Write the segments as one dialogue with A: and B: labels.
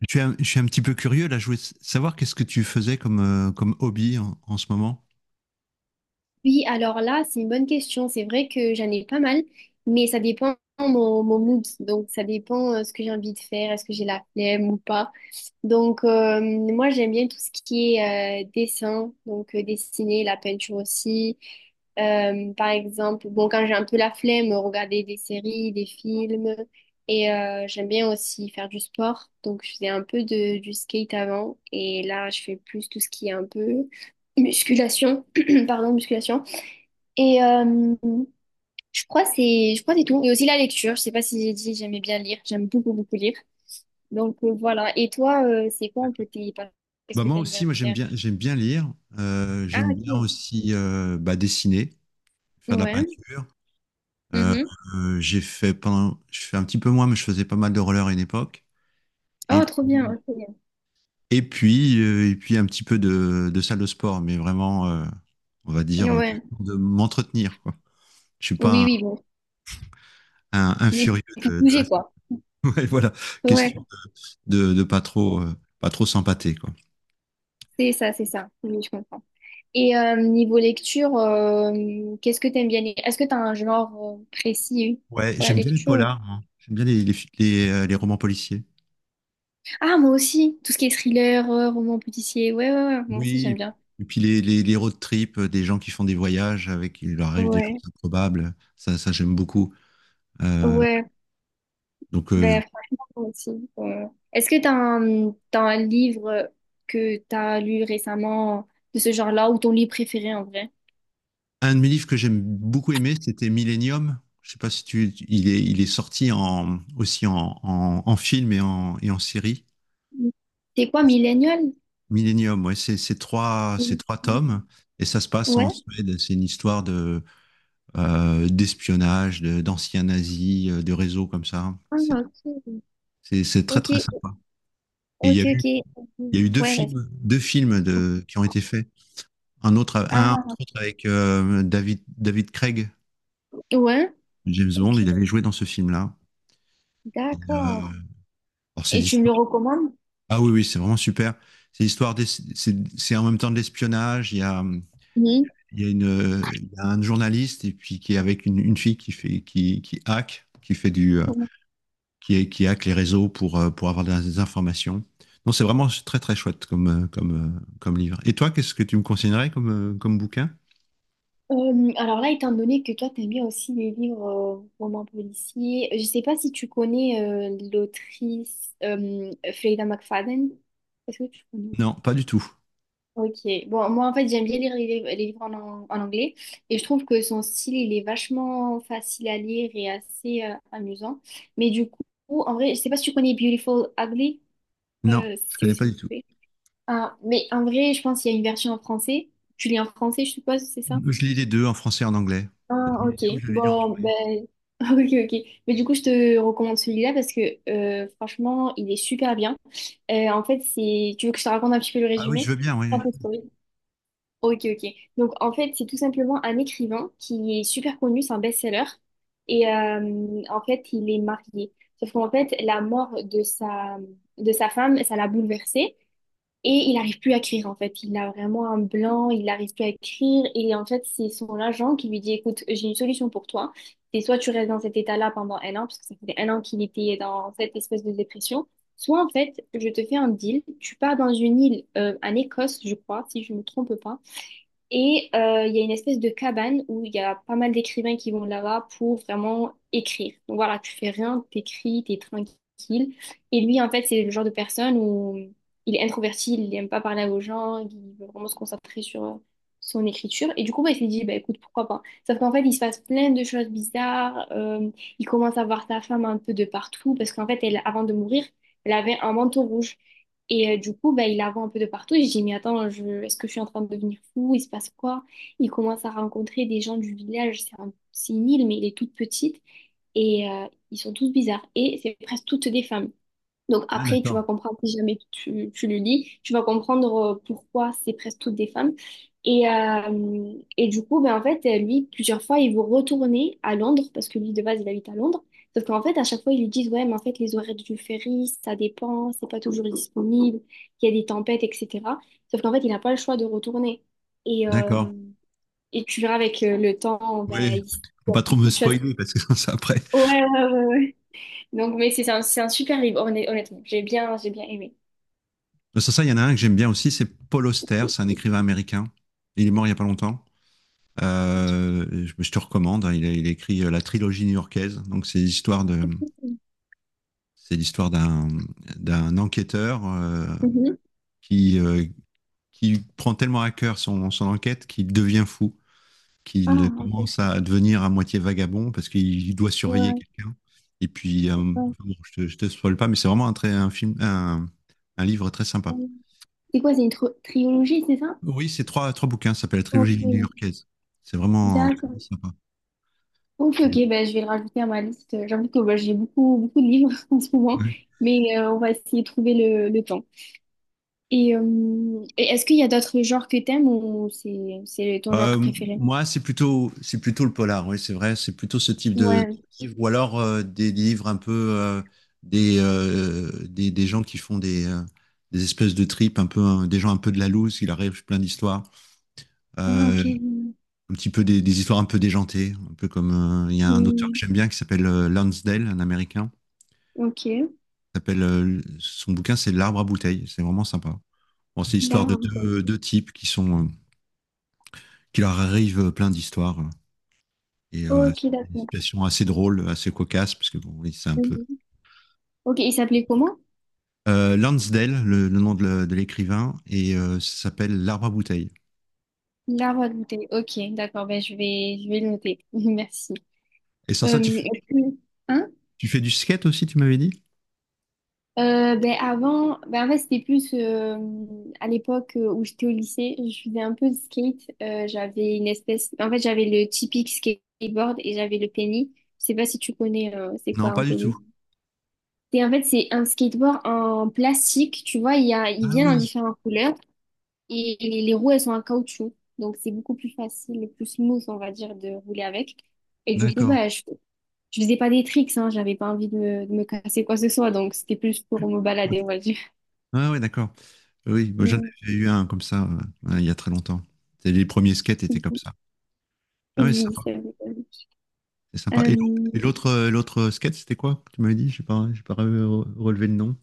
A: Je suis un petit peu curieux là. Je voulais savoir qu'est-ce que tu faisais comme, comme hobby en ce moment.
B: Oui, alors là, c'est une bonne question. C'est vrai que j'en ai pas mal, mais ça dépend mon mood. Donc, ça dépend ce que j'ai envie de faire, est-ce que j'ai la flemme ou pas. Donc, moi, j'aime bien tout ce qui est dessin, donc dessiner, la peinture aussi. Par exemple, bon, quand j'ai un peu la flemme, regarder des séries, des films. J'aime bien aussi faire du sport. Donc, je faisais un peu du skate avant. Et là, je fais plus tout ce qui est un peu musculation. Pardon, musculation. Et euh, je crois que c'est tout. Et aussi la lecture. Je sais pas si j'ai dit j'aimais bien lire. J'aime beaucoup lire. Donc voilà. Et toi c'est quoi un peu tes pas- qu'est-ce
A: Bah
B: que
A: moi
B: t'aimes
A: aussi,
B: bien
A: moi j'aime
B: faire?
A: bien, j'aime bien lire.
B: Ah,
A: J'aime bien
B: ok.
A: aussi bah, dessiner, faire de la
B: Ouais.
A: peinture. Euh,
B: Mhm.
A: je fais un petit peu moins, mais je faisais pas mal de roller à une époque. Et
B: Oh, trop bien.
A: puis,
B: Ok.
A: et puis un petit peu de salle de sport, mais vraiment, on va dire,
B: Ouais.
A: question de m'entretenir, quoi. Je suis pas
B: Oui,
A: un,
B: oui, bon.
A: un- un
B: Oui,
A: furieux
B: pour
A: de la
B: bouger
A: salle.
B: quoi.
A: Ouais, voilà,
B: Ouais,
A: question de pas trop, pas trop s'empâter, quoi.
B: c'est ça, c'est ça. Oui, je comprends. Et niveau lecture qu'est-ce que t'aimes bien lire? Est-ce que t'as un genre précis
A: Ouais,
B: pour la
A: j'aime bien les
B: lecture? Ou…
A: polars, moi. J'aime bien les romans policiers.
B: Ah, moi aussi, tout ce qui est thriller roman policier. Ouais, moi aussi j'aime
A: Oui,
B: bien.
A: et puis les road trips, des gens qui font des voyages avec, il leur arrive des choses
B: Ouais.
A: improbables. Ça j'aime beaucoup. Euh,
B: Ouais,
A: donc,
B: ben franchement, moi aussi. euh. Est-ce que t'as un livre que t'as lu récemment de ce genre-là ou ton livre préféré en vrai?
A: un de mes livres que j'aime beaucoup aimé, c'était Millennium. Je sais pas si il est sorti aussi en film et en série.
B: Mm. C'est quoi, Millennial?
A: Millennium, ouais, c'est c'est trois, c'est
B: Mm.
A: trois tomes et ça se passe
B: Ouais.
A: en Suède. C'est une histoire de d'espionnage, d'anciens nazis, de réseaux comme ça.
B: Ah,
A: C'est-
B: ok.
A: C'est c'est très
B: Ok,
A: très sympa. Et il y
B: ok,
A: a eu,
B: ok. Mhm.
A: il y a eu deux
B: Ouais, vas-y.
A: films, deux films qui ont été faits. Un entre
B: Ah,
A: autres avec David Craig,
B: ouais,
A: James Bond,
B: ok,
A: il avait joué dans ce film-là. Et, euh,
B: d'accord.
A: alors
B: Et tu me le recommandes?
A: ah oui, oui, c'est vraiment super. C'est en même temps de l'espionnage. Il y a une, il y a un journaliste, et puis qui est avec une fille qui qui hack, qui fait du,
B: Mhm.
A: qui, est, qui hack les réseaux pour avoir des informations. Non, c'est vraiment très très chouette comme, comme livre. Et toi, qu'est-ce que tu me conseillerais comme, comme bouquin?
B: Alors là, étant donné que toi, t'aimes bien aussi les livres romans policiers, je sais pas si tu connais l'autrice Fleda McFadden. Est-ce que tu connais ou pas?
A: Non, pas du tout.
B: Ok. Bon, moi, en fait, j'aime bien lire les livres en anglais, et je trouve que son style, il est vachement facile à lire et assez amusant. Mais du coup, en vrai, je sais pas si tu connais Beautiful Ugly.
A: Non, je
B: C'est
A: connais
B: aussi…
A: pas du tout.
B: Ah, mais en vrai, je pense qu'il y a une version en français. Tu lis en français, je suppose, c'est ça?
A: Je lis les deux en français et en anglais.
B: Ah, ok.
A: Millennium, je l'ai lu en
B: Bon,
A: anglais.
B: ben, ok, ok. Mais du coup, je te recommande celui-là parce que franchement, il est super bien. En fait, c'est… Tu veux que je te raconte un petit peu le
A: Ah oui, je
B: résumé?
A: veux bien,
B: Un
A: oui,
B: peu
A: oui.
B: story. Ok, ok. Donc, en fait, c'est tout simplement un écrivain qui est super connu, c'est un best-seller. En fait, il est marié. Sauf qu'en fait, la mort de sa femme, ça l'a bouleversé. Et il n'arrive plus à écrire en fait. Il a vraiment un blanc, il n'arrive plus à écrire. Et en fait, c'est son agent qui lui dit, écoute, j'ai une solution pour toi. C'est soit tu restes dans cet état-là pendant un an, parce que ça faisait un an qu'il était dans cette espèce de dépression, soit en fait, je te fais un deal. Tu pars dans une île, en Écosse, je crois, si je ne me trompe pas. Il y a une espèce de cabane où il y a pas mal d'écrivains qui vont là-bas pour vraiment écrire. Donc voilà, tu fais rien, t'écris, t'es tranquille. Et lui, en fait, c'est le genre de personne où il est introverti, il n'aime pas parler aux gens, il veut vraiment se concentrer sur son écriture. Et du coup, bah, il s'est dit, bah, écoute, pourquoi pas. Sauf qu'en fait, il se passe plein de choses bizarres. Il commence à voir sa femme un peu de partout parce qu'en fait, elle, avant de mourir, elle avait un manteau rouge. Du coup, bah, il la voit un peu de partout. Et je dis, mais attends, je… est-ce que je suis en train de devenir fou? Il se passe quoi? Il commence à rencontrer des gens du village. C'est une île, mais elle est toute petite. Ils sont tous bizarres. Et c'est presque toutes des femmes. Donc
A: Ah
B: après, tu
A: d'accord.
B: vas comprendre, si jamais tu le lis, tu vas comprendre pourquoi c'est presque toutes des femmes. Et du coup, en fait, lui, plusieurs fois, il veut retourner à Londres, parce que lui, de base, il habite à Londres. Sauf qu'en fait, à chaque fois, ils lui disent, ouais, mais en fait, les horaires du ferry, ça dépend, c'est pas toujours disponible, il y a des tempêtes, etc. Sauf qu'en fait, il n'a pas le choix de retourner. Et, euh,
A: D'accord.
B: et tu verras avec le temps, ben,
A: Oui,
B: il se
A: faut
B: passe
A: pas trop me
B: beaucoup de choses.
A: spoiler parce que ça après.
B: Ouais, ouais, ouais, ouais. Donc, mais c'est un super livre, honnêtement. J'ai bien aimé.
A: Sans ça, il y en a un que j'aime bien aussi, c'est Paul Auster, c'est un écrivain américain. Il est mort il y a pas longtemps. Je te recommande, hein. Il a écrit la trilogie new-yorkaise, donc c'est l'histoire d'un enquêteur,
B: Mhm.
A: qui, euh, qui prend tellement à cœur son enquête qu'il devient fou, qu'il
B: Ah, ok.
A: commence à devenir à moitié vagabond parce qu'il doit surveiller
B: Ouais,
A: quelqu'un. Et puis,
B: ouais,
A: bon, je te spoil pas, mais c'est vraiment un, très, un, film, un livre très sympa.
B: ouais. C'est quoi, c'est une trilogie, c'est ça?
A: Oui, c'est trois bouquins, ça s'appelle la
B: Ok,
A: trilogie new-yorkaise. C'est vraiment, c'est
B: d'accord.
A: vraiment sympa,
B: Ok, ok, bah, je vais le rajouter à ma liste. J'avoue que bah, j'ai beaucoup de livres en ce moment,
A: ouais.
B: mais on va essayer de trouver le temps. Et est-ce qu'il y a d'autres genres que t'aimes ou c'est ton genre préféré?
A: Moi, c'est plutôt le polar, oui, c'est vrai, c'est plutôt ce type de
B: Ouais.
A: livre, ou alors des livres un peu, des gens qui font des espèces de tripes, un peu, hein, des gens un peu de la loose, il arrive plein d'histoires,
B: Ah, ok.
A: euh, un petit peu des histoires un peu déjantées, un peu comme, il y a un auteur que
B: Hmm,
A: j'aime bien qui s'appelle, Lansdale, un Américain,
B: ok.
A: qui s'appelle, son bouquin c'est L'arbre à bouteilles, c'est vraiment sympa. Bon, c'est l'histoire de
B: L'arabe.
A: deux types qui sont, qui leur arrivent plein d'histoires. Et
B: Ok,
A: c'est une
B: d'accord.
A: situation assez drôle, assez cocasse, parce que bon, oui, c'est un peu.
B: Mhm. Ok, il s'appelait comment?
A: Lansdale, le nom de l'écrivain, et ça s'appelle L'arbre à bouteille.
B: L'arabe. Ok, d'accord, ben je vais le noter. Merci.
A: Et sans ça,
B: Est-ce que… Hein?
A: tu fais du skate aussi, tu m'avais dit?
B: Ben avant, ben en fait, c'était plus à l'époque où j'étais au lycée, je faisais un peu de skate. J'avais une espèce, en fait, j'avais le typique skateboard et j'avais le penny. Je sais pas si tu connais, c'est quoi
A: Non, pas
B: un
A: du tout.
B: penny? Et en fait, c'est un skateboard en plastique, tu vois, il y a, il
A: Ah
B: vient en
A: oui,
B: différentes couleurs et les roues, elles sont en caoutchouc. Donc, c'est beaucoup plus facile et plus smooth, on va dire, de rouler avec. Et du coup,
A: d'accord.
B: bah, je faisais pas des tricks, hein, j'avais pas envie de me casser quoi que ce soit, donc c'était plus pour me balader, on va dire.
A: Ah oui, d'accord. Oui, moi, j'en
B: Mm.
A: ai eu un comme ça, il y a très longtemps. C'est Les premiers skates étaient comme ça. Ah oui, c'est
B: Oui,
A: sympa.
B: c'est vrai.
A: C'est sympa. Et
B: Euh,
A: l'autre skate, c'était quoi? Que Tu m'avais dit, j'ai pas relevé le nom.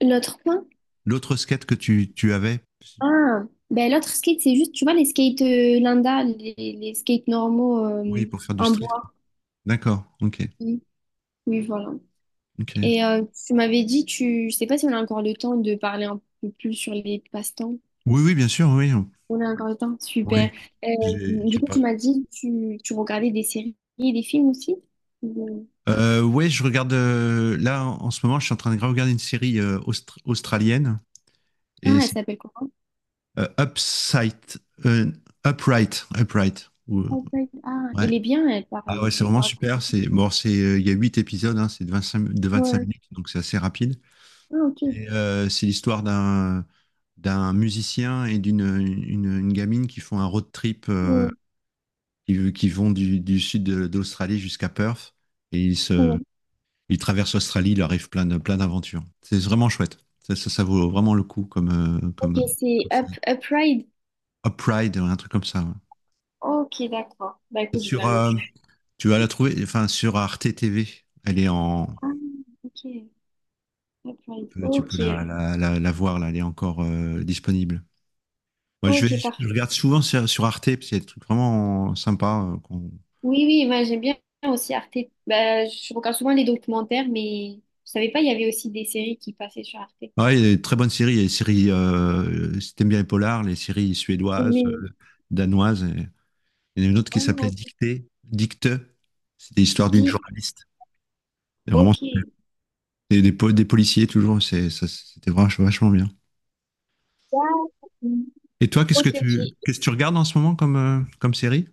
B: l'autre point?
A: L'autre skate que tu avais,
B: Ah, ben l'autre skate, c'est juste, tu vois, les skates Linda, les skates normaux
A: oui, pour faire du
B: en
A: street.
B: bois.
A: D'accord, ok,
B: Oui, oui, voilà.
A: ok.
B: Et tu m'avais dit, je sais pas si on a encore le temps de parler un peu plus sur les passe-temps.
A: Oui, oui, bien sûr, oui,
B: On a encore le temps,
A: oui.
B: super. Euh,
A: J'ai,
B: du
A: j'ai
B: coup,
A: pas.
B: tu m'as dit, tu regardais des séries et des films aussi? Euh.
A: Ouais, je regarde, là en ce moment, je suis en train de regarder une série, australienne,
B: Ah,
A: et
B: elle
A: c'est,
B: s'appelle quoi?
A: euh, Upside, euh, Upright.
B: En fait, ah,
A: Ouais.
B: elle est bien, elle
A: Ah ouais,
B: parle,
A: c'est
B: elle
A: vraiment
B: parle.
A: super. C'est bon, c'est il y a huit épisodes, hein, c'est de vingt-cinq
B: Ouais.
A: minutes, donc c'est assez rapide.
B: Ah, ok.
A: C'est l'histoire d'un musicien et d'une une gamine qui font un road trip,
B: Ouais,
A: qui vont du sud d'Australie jusqu'à Perth. Et ils, se,
B: ouais.
A: ils traversent l'Australie, il leur arrive plein d'aventures. C'est vraiment chouette. Ça, ça vaut vraiment le coup comme, euh,
B: Ok,
A: comme,
B: c'est
A: comme
B: Up,
A: série.
B: Upride.
A: Upride, un truc comme ça, ouais.
B: Ok, d'accord. Bah
A: Et
B: écoute, je vais
A: Sur,
B: la
A: euh,
B: noter.
A: tu vas la trouver, enfin, sur Arte TV. Elle est en.
B: Ah, ok. Upride.
A: Tu
B: Ok.
A: peux la voir, là, elle est encore, disponible. Moi,
B: Ok,
A: je
B: parfait.
A: regarde souvent sur Arte, parce qu'il y a des trucs vraiment sympas.
B: Oui, oui, moi j'aime bien aussi Arte. Bah, je regarde souvent les documentaires, mais je savais pas, il y avait aussi des séries qui passaient sur Arte.
A: Ouais, il y a des très bonnes séries. Il y a des séries, si t'aimes bien les polars, les séries suédoises,
B: Oui.
A: danoises. Il y en a une autre
B: Ah,
A: qui s'appelait
B: ok.
A: Dictée, Dicte. C'était l'histoire d'une
B: Dis,
A: journaliste. Et vraiment,
B: ok.
A: c'était des policiers toujours. C'était vachement, vachement bien.
B: Ah,
A: Et toi, qu'est-ce que
B: ok, ok.
A: tu, qu'est-ce que tu regardes en ce moment comme, comme série?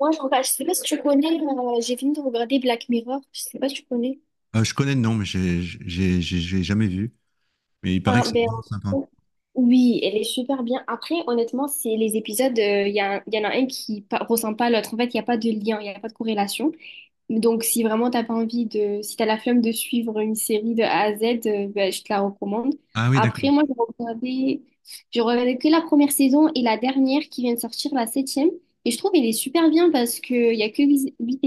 B: Moi, je regarde, je sais pas si tu connais, j'ai fini de regarder Black Mirror. Je sais pas si tu connais.
A: Je connais le nom, mais j'ai jamais vu. Mais il paraît
B: Ah,
A: que c'est
B: ben,
A: vraiment sympa.
B: oui, elle est super bien. Après, honnêtement, c'est les épisodes, il y a, y en a un qui ressemble pas à l'autre. En fait, il n'y a pas de lien, il n'y a pas de corrélation. Donc, si vraiment t'as pas envie de, si t'as la flemme de suivre une série de A à Z, ben, je te la recommande.
A: Ah oui, d'accord.
B: Après, j'ai regardé que la 1re saison et la dernière qui vient de sortir, la 7e. Et je trouve qu'elle est super bien parce qu'il y a que huit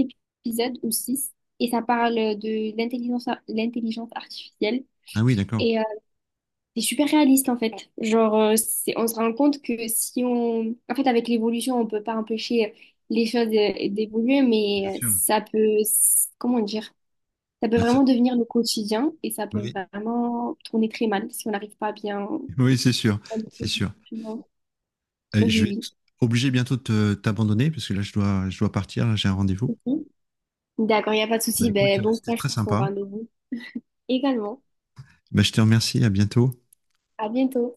B: épisodes ou six. Et ça parle de l'intelligence artificielle.
A: Ah oui, d'accord.
B: et euh, c'est super réaliste en fait. Genre, c'est… on se rend compte que si on… En fait, avec l'évolution, on peut pas empêcher les choses d'évoluer,
A: Bien
B: mais
A: sûr.
B: ça peut… Comment dire? Ça peut
A: Bah,
B: vraiment devenir le quotidien et ça peut
A: oui.
B: vraiment tourner très mal si on n'arrive pas bien…
A: Oui, c'est sûr, c'est sûr. Je vais
B: Oui,
A: être obligé bientôt de t'abandonner parce que là, je dois partir, là, j'ai un rendez-vous.
B: oui. D'accord, il n'y a pas de
A: Bah
B: souci.
A: écoute,
B: Ben, bon
A: c'était
B: courage
A: très
B: pour ton
A: sympa.
B: rendez-vous. Également.
A: Bah, je te remercie, à bientôt.
B: À bientôt.